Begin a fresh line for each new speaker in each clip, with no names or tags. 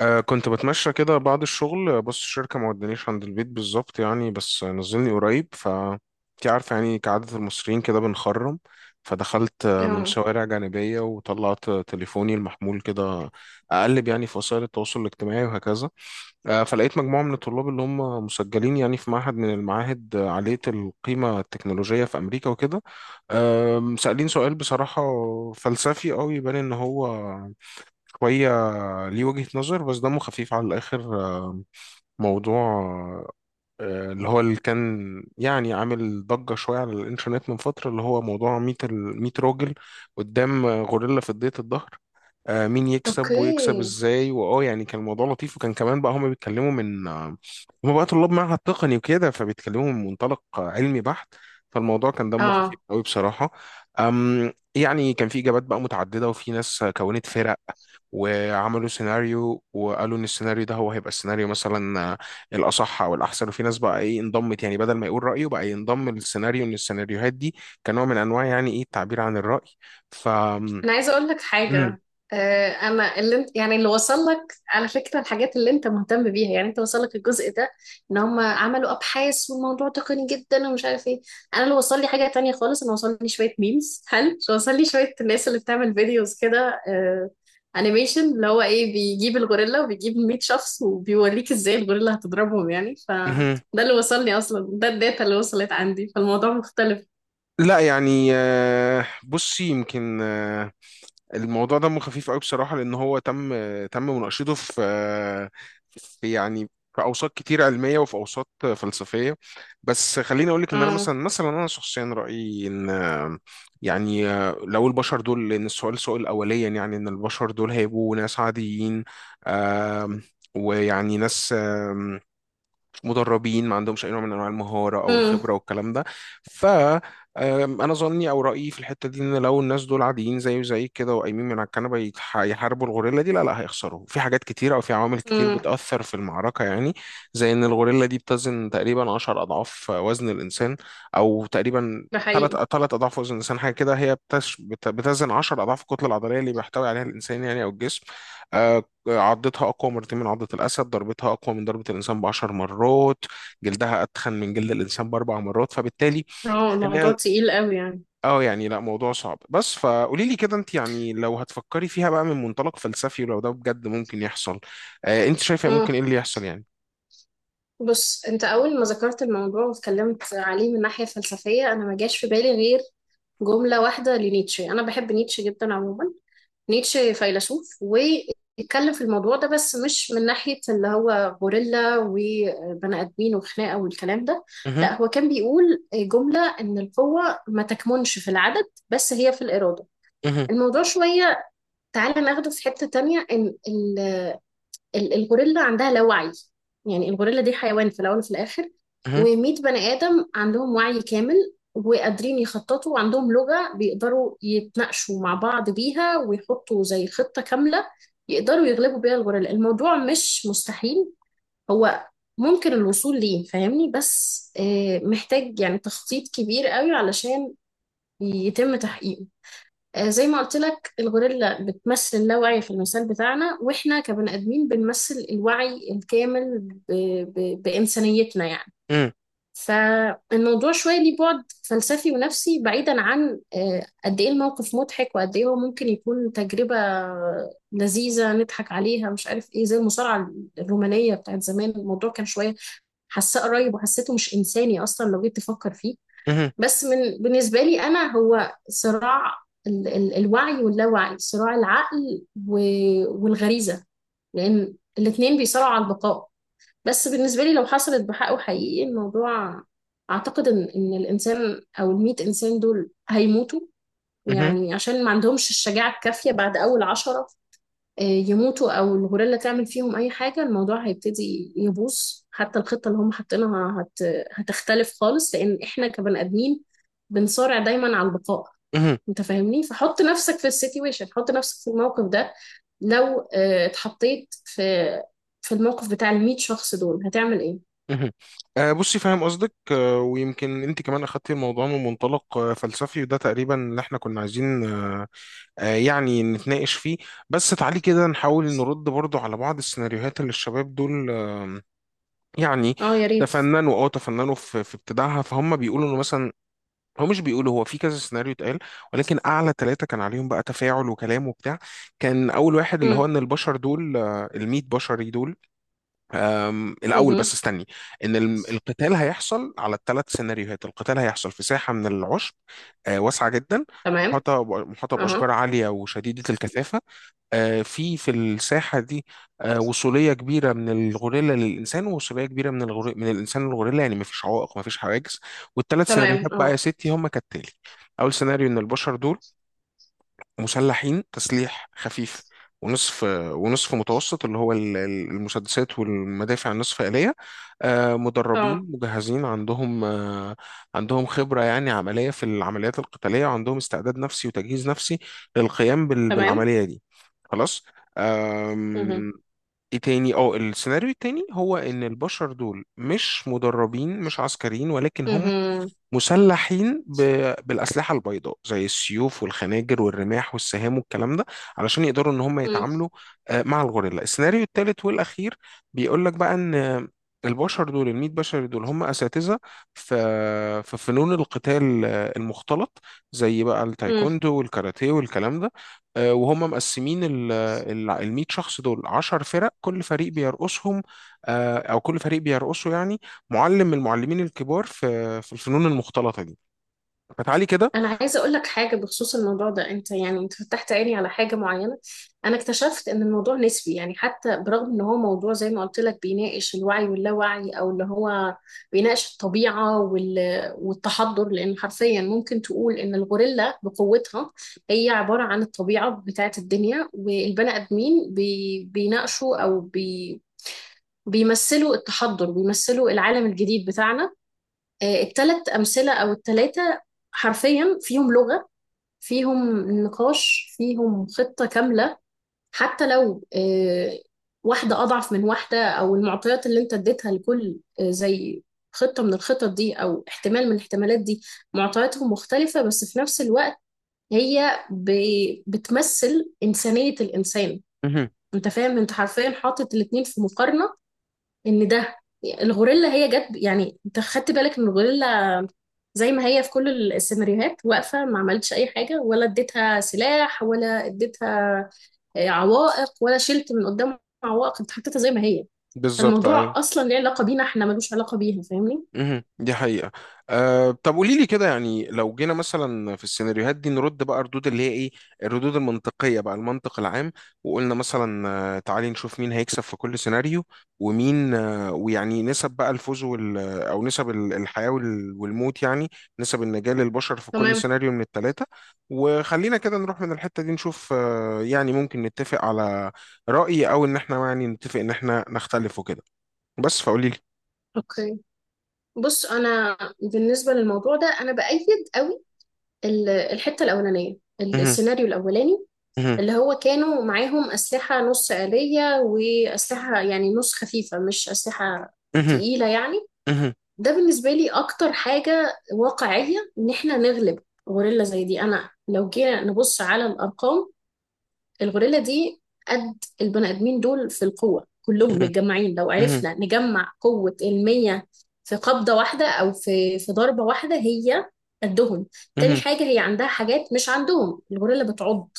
كنت بتمشى كده بعد الشغل. بص، الشركة ما ودانيش عند البيت بالظبط يعني، بس نزلني قريب. ف انت عارفة يعني كعادة المصريين كده بنخرم. فدخلت من
اه،
شوارع جانبية وطلعت تليفوني المحمول كده أقلب يعني في وسائل التواصل الاجتماعي وهكذا. فلقيت مجموعة من الطلاب اللي هم مسجلين يعني في معهد من المعاهد، عالية القيمة التكنولوجية في أمريكا وكده. سألين سؤال بصراحة فلسفي أوي، يبان إن هو شوية ليه وجهة نظر بس دمه خفيف على الآخر. موضوع اللي كان يعني عامل ضجة شوية على الإنترنت من فترة، اللي هو موضوع 100، 100 راجل قدام غوريلا في ضيط الظهر، مين يكسب
اوكي،
ويكسب ازاي، واه يعني كان الموضوع لطيف. وكان كمان بقى هما بيتكلموا من آه، هما بقى طلاب معهد تقني وكده، فبيتكلموا من منطلق علمي بحت. فالموضوع كان دمه خفيف
اه،
قوي بصراحة. يعني كان في إجابات بقى متعددة، وفي ناس كونت فرق وعملوا سيناريو وقالوا إن السيناريو ده هو هيبقى السيناريو مثلا الأصح أو الأحسن. وفي ناس بقى إيه انضمت، يعني بدل ما يقول رأيه بقى ينضم للسيناريو، إن السيناريوهات دي كنوع من أنواع يعني إيه التعبير عن الرأي. ف
انا عايزه اقول لك حاجه. انا اللي انت، يعني اللي وصل لك على فكره الحاجات اللي انت مهتم بيها، يعني انت وصل لك الجزء ده ان هم عملوا ابحاث والموضوع تقني جدا ومش عارف ايه. انا اللي وصل لي حاجه تانية خالص، انا وصل لي شويه ميمز، هل وصل لي شويه الناس اللي بتعمل فيديوز كده؟ انيميشن اللي هو ايه بيجيب الغوريلا وبيجيب 100 شخص وبيوريك ازاي الغوريلا هتضربهم، يعني فده
مم.
اللي وصلني اصلا، ده الداتا اللي وصلت عندي، فالموضوع مختلف.
لا يعني، بصي، يمكن الموضوع دمه خفيف قوي بصراحة، لأن هو تم مناقشته في في أوساط كتير علمية، وفي أوساط فلسفية. بس خليني أقولك إن أنا،
اه.
مثلا أنا شخصيا رأيي إن لو البشر دول، لأن السؤال سؤال أوليا يعني، إن البشر دول هيبقوا ناس عاديين، آم، ويعني ناس مدربين ما عندهمش اي نوع من انواع المهاره او الخبره
امم.
والكلام ده. ف انا ظني او رايي في الحته دي، ان لو الناس دول عاديين زي كده وقايمين من على الكنبه، يحاربوا الغوريلا دي، لا لا، هيخسروا في حاجات كتيره او في عوامل كتير
امم.
بتاثر في المعركه يعني. زي ان الغوريلا دي بتزن تقريبا 10 اضعاف وزن الانسان، او تقريبا
ده
ثلاث
حقيقي.
ثلاث اضعاف وزن الانسان حاجه كده. هي بتزن 10 اضعاف الكتله العضليه اللي بيحتوي عليها الانسان يعني، او الجسم. آه، عضتها أقوى مرتين من عضة الأسد، ضربتها أقوى من ضربة الإنسان ب10 مرات، جلدها أتخن من جلد الإنسان ب4 مرات، فبالتالي
اه، الموضوع
خناقة.
تقيل قوي يعني.
اه يعني، لا، موضوع صعب. بس فقولي لي كده، انت يعني لو هتفكري فيها بقى من منطلق فلسفي، ولو ده بجد ممكن يحصل، آه انت شايفة
امم.
ممكن ايه اللي يحصل يعني؟
بص، انت اول ما ذكرت الموضوع واتكلمت عليه من ناحية فلسفية، انا ما جاش في بالي غير جملة واحدة لنيتشه. أنا بحب نيتشه جدا عموما، نيتشه فيلسوف واتكلم في الموضوع ده، بس مش من ناحية اللي هو غوريلا وبني آدمين وخناقة والكلام ده.
مهم،
لا، هو كان بيقول جملة إن القوة ما تكمنش في العدد بس، هي في الإرادة.
مهم،
الموضوع شوية، تعالى ناخده في حتة تانية. إن الغوريلا عندها لا وعي، يعني الغوريلا دي حيوان في الأول وفي الآخر،
مهم،
ومية بني آدم عندهم وعي كامل وقادرين يخططوا وعندهم لغة بيقدروا يتناقشوا مع بعض بيها ويحطوا زي خطة كاملة يقدروا يغلبوا بيها الغوريلا. الموضوع مش مستحيل، هو ممكن الوصول ليه، فاهمني؟ بس محتاج يعني تخطيط كبير قوي علشان يتم تحقيقه. زي ما قلت لك، الغوريلا بتمثل اللاوعي في المثال بتاعنا، واحنا كبني ادمين بنمثل الوعي الكامل ب... بانسانيتنا يعني.
مهم،
فالموضوع شويه ليه بعد فلسفي ونفسي بعيدا عن قد ايه الموقف مضحك وقد ايه هو ممكن يكون تجربه لذيذه نضحك عليها مش عارف ايه، زي المصارعه الرومانيه بتاعت زمان. الموضوع كان شويه حاساه قريب وحسيته مش انساني اصلا لو جيت تفكر فيه.
مهم،
بس من بالنسبة لي أنا، هو صراع ال ال الوعي واللاوعي، صراع العقل والغريزة، لأن الاتنين بيصارعوا على البقاء. بس بالنسبة لي لو حصلت بحقه حقيقي الموضوع، أعتقد إن الإنسان أو المية إنسان دول هيموتوا،
مهم،
يعني عشان ما عندهمش الشجاعة الكافية بعد أول 10. يموتوا او الغوريلا تعمل فيهم اي حاجه، الموضوع هيبتدي يبوظ. حتى الخطه اللي هم حاطينها هتختلف خالص، لان احنا كبني ادمين بنصارع دايما على البقاء.
مهم،
انت فاهمني، فحط نفسك في السيتويشن، حط نفسك في الموقف ده. لو اتحطيت في الموقف بتاع ال 100 شخص دول، هتعمل ايه؟
مهم. آه بصي، فاهم قصدك. آه ويمكن انت كمان اخدتي الموضوع من منطلق آه فلسفي، وده تقريبا اللي احنا كنا عايزين يعني نتناقش فيه. بس تعالي كده نحاول نرد برضو على بعض السيناريوهات اللي الشباب دول يعني
اه يا ريت.
تفننوا في في ابتداعها. فهم بيقولوا انه مثلا، هو مش بيقولوا هو في كذا سيناريو اتقال، ولكن اعلى 3 كان عليهم بقى تفاعل وكلام وبتاع. كان اول واحد اللي هو
امم.
ان البشر دول، ال100 بشري دول، الاول بس
امم.
استني. ان القتال هيحصل على ال3 سيناريوهات. القتال هيحصل في ساحة من العشب واسعة جدا،
تمام.
محاطة
اها.
بأشجار عالية وشديدة الكثافة. في في الساحة دي وصولية كبيرة من الغوريلا للإنسان، ووصولية كبيرة من من الإنسان للغوريلا، يعني مفيش عوائق مفيش حواجز. والثلاث
تمام.
سيناريوهات بقى يا
اه.
ستي هم كالتالي. أول سيناريو، إن البشر دول مسلحين تسليح خفيف ونصف ونصف متوسط، اللي هو المسدسات والمدافع النصف آلية،
اه.
مدربين مجهزين عندهم خبرة يعني عملية في العمليات القتالية، وعندهم استعداد نفسي وتجهيز نفسي للقيام
تمام.
بالعملية دي. خلاص.
امم.
آم، ايه تاني، اه السيناريو التاني هو ان البشر دول مش مدربين مش عسكريين، ولكن هم مسلحين بالأسلحة البيضاء زي السيوف والخناجر والرماح والسهام والكلام ده، علشان يقدروا إن هم
امم.
يتعاملوا مع الغوريلا. السيناريو الثالث والأخير بيقول لك بقى إن البشر دول، ال100 بشر دول، هم أساتذة في في فنون القتال المختلط، زي بقى التايكوندو والكاراتيه والكلام ده. وهم مقسمين ال100 شخص دول 10 فرق، كل فريق بيرقصهم أو كل فريق بيرقصه يعني معلم من المعلمين الكبار في في الفنون المختلطة دي. فتعالي كده.
انا عايزه اقول لك حاجه بخصوص الموضوع ده. انت يعني انت فتحت عيني على حاجه معينه. انا اكتشفت ان الموضوع نسبي، يعني حتى برغم ان هو موضوع زي ما قلت لك بيناقش الوعي واللاوعي، او اللي هو بيناقش الطبيعه والتحضر، لان حرفيا ممكن تقول ان الغوريلا بقوتها هي عباره عن الطبيعه بتاعه الدنيا، والبني ادمين بيناقشوا او بيمثلوا التحضر، بيمثلوا العالم الجديد بتاعنا. الثلاث امثله او الثلاثه حرفيا فيهم لغة، فيهم نقاش، فيهم خطة كاملة. حتى لو واحدة أضعف من واحدة، أو المعطيات اللي أنت اديتها لكل زي خطة من الخطط دي أو احتمال من الاحتمالات دي، معطياتهم مختلفة، بس في نفس الوقت هي بتمثل إنسانية الإنسان.
مهم.
أنت فاهم؟ أنت حرفيا حاطط الاتنين في مقارنة. ان ده الغوريلا هي جت، يعني انت خدت بالك ان الغوريلا زي ما هي في كل السيناريوهات واقفه، ما عملتش اي حاجه، ولا اديتها سلاح ولا اديتها عوائق، ولا شلت من قدام عوائق، انت حطيتها زي ما هي.
بالظبط ايوه.
فالموضوع اصلا ليه علاقه بينا، احنا ملوش علاقه بيها، فاهمني؟
مهم. دي حقيقة. أه طب قولي لي كده، يعني لو جينا مثلا في السيناريوهات دي نرد بقى ردود اللي هي ايه الردود المنطقية، بقى المنطق العام. وقلنا مثلا تعالي نشوف مين هيكسب في كل سيناريو، ومين ويعني نسب بقى الفوز وال آه، او نسب الحياة والموت يعني، نسب النجاة للبشر في كل
تمام.
سيناريو من ال3. وخلينا كده نروح من الحتة دي نشوف يعني ممكن نتفق على رأي، او ان احنا يعني نتفق ان احنا نختلف وكده. بس فقولي لي.
اوكي، بص انا بالنسبه للموضوع ده انا بايد قوي الحته الاولانيه،
مهم.
السيناريو الاولاني، اللي هو كانوا معاهم أسلحة نص آلية وأسلحة يعني نص خفيفة، مش أسلحة
مهم.
تقيلة يعني.
مهم.
ده بالنسبة لي أكتر حاجة واقعية إن إحنا نغلب غوريلا زي دي. أنا لو جينا نبص على الأرقام، الغوريلا دي قد البني آدمين دول في القوة كلهم
مهم.
متجمعين. لو
مهم.
عرفنا نجمع قوة المية في قبضة واحدة أو في ضربة واحدة، هي قدهم. تاني
مهم.
حاجة، هي عندها حاجات مش عندهم، الغوريلا بتعض،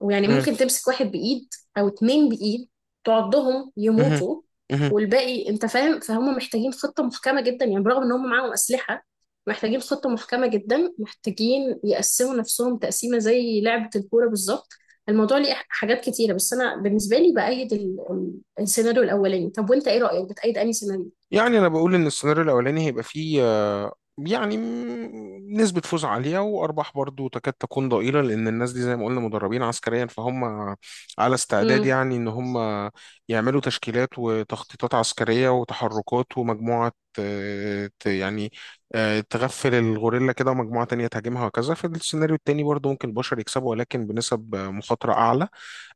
ويعني
مهم.
ممكن تمسك واحد بإيد أو اتنين بإيد تعضهم
مهم.
يموتوا،
مهم.
والباقي أنت فاهم. فهم محتاجين خطة محكمة جدا، يعني برغم إن هم معاهم أسلحة محتاجين خطة محكمة جدا، محتاجين يقسموا نفسهم تقسيمة زي لعبة الكورة بالظبط. الموضوع ليه حاجات كتيرة، بس أنا بالنسبة لي بأيد السيناريو الأولاني. طب وأنت إيه رأيك، بتأيد أنهي سيناريو؟
يعني انا بقول ان السيناريو الاولاني هيبقى فيه نسبة فوز عالية وأرباح برضو تكاد تكون ضئيلة، لأن الناس دي زي ما قلنا مدربين عسكريا، فهم على استعداد
مم.
يعني إن هم يعملوا تشكيلات وتخطيطات عسكرية وتحركات. ومجموعة يعني تغفل الغوريلا كده، ومجموعة تانية تهاجمها وكذا. في السيناريو التاني برضو ممكن البشر يكسبوا، ولكن بنسب مخاطرة أعلى.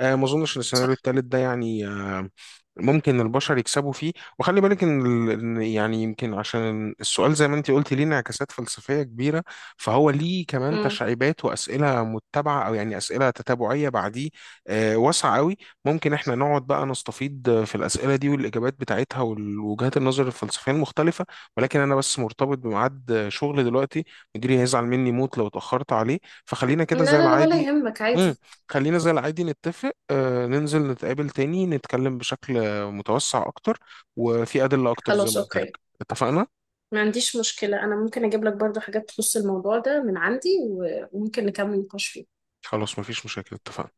ما اظنش ان السيناريو التالت ده يعني ممكن البشر يكسبوا فيه. وخلي بالك ان إن يعني يمكن، عشان السؤال زي ما انت قلتي ليه انعكاسات فلسفية كبيرة، فهو ليه كمان
مم.
تشعيبات وأسئلة متبعة، او يعني أسئلة تتابعية بعديه واسعة قوي. ممكن احنا نقعد بقى نستفيد في الأسئلة دي والإجابات بتاعتها والوجهات النظر الفلسفية المختلفة، ولكن انا بس مرتبط بميعاد شغل دلوقتي، مديري هيزعل مني موت لو اتأخرت عليه. فخلينا
لا
كده زي
لا لا، ولا
العادي.
يهمك،
مم.
عادي.
خلينا زي العادي نتفق ننزل نتقابل تاني، نتكلم بشكل متوسع أكتر وفي أدلة أكتر زي
خلاص
ما قلت
أوكي،
لك. اتفقنا؟
ما عنديش مشكلة، أنا ممكن أجيب لك برضو حاجات تخص الموضوع ده من عندي وممكن نكمل نقاش فيه.
خلاص، مفيش مشاكل، اتفقنا.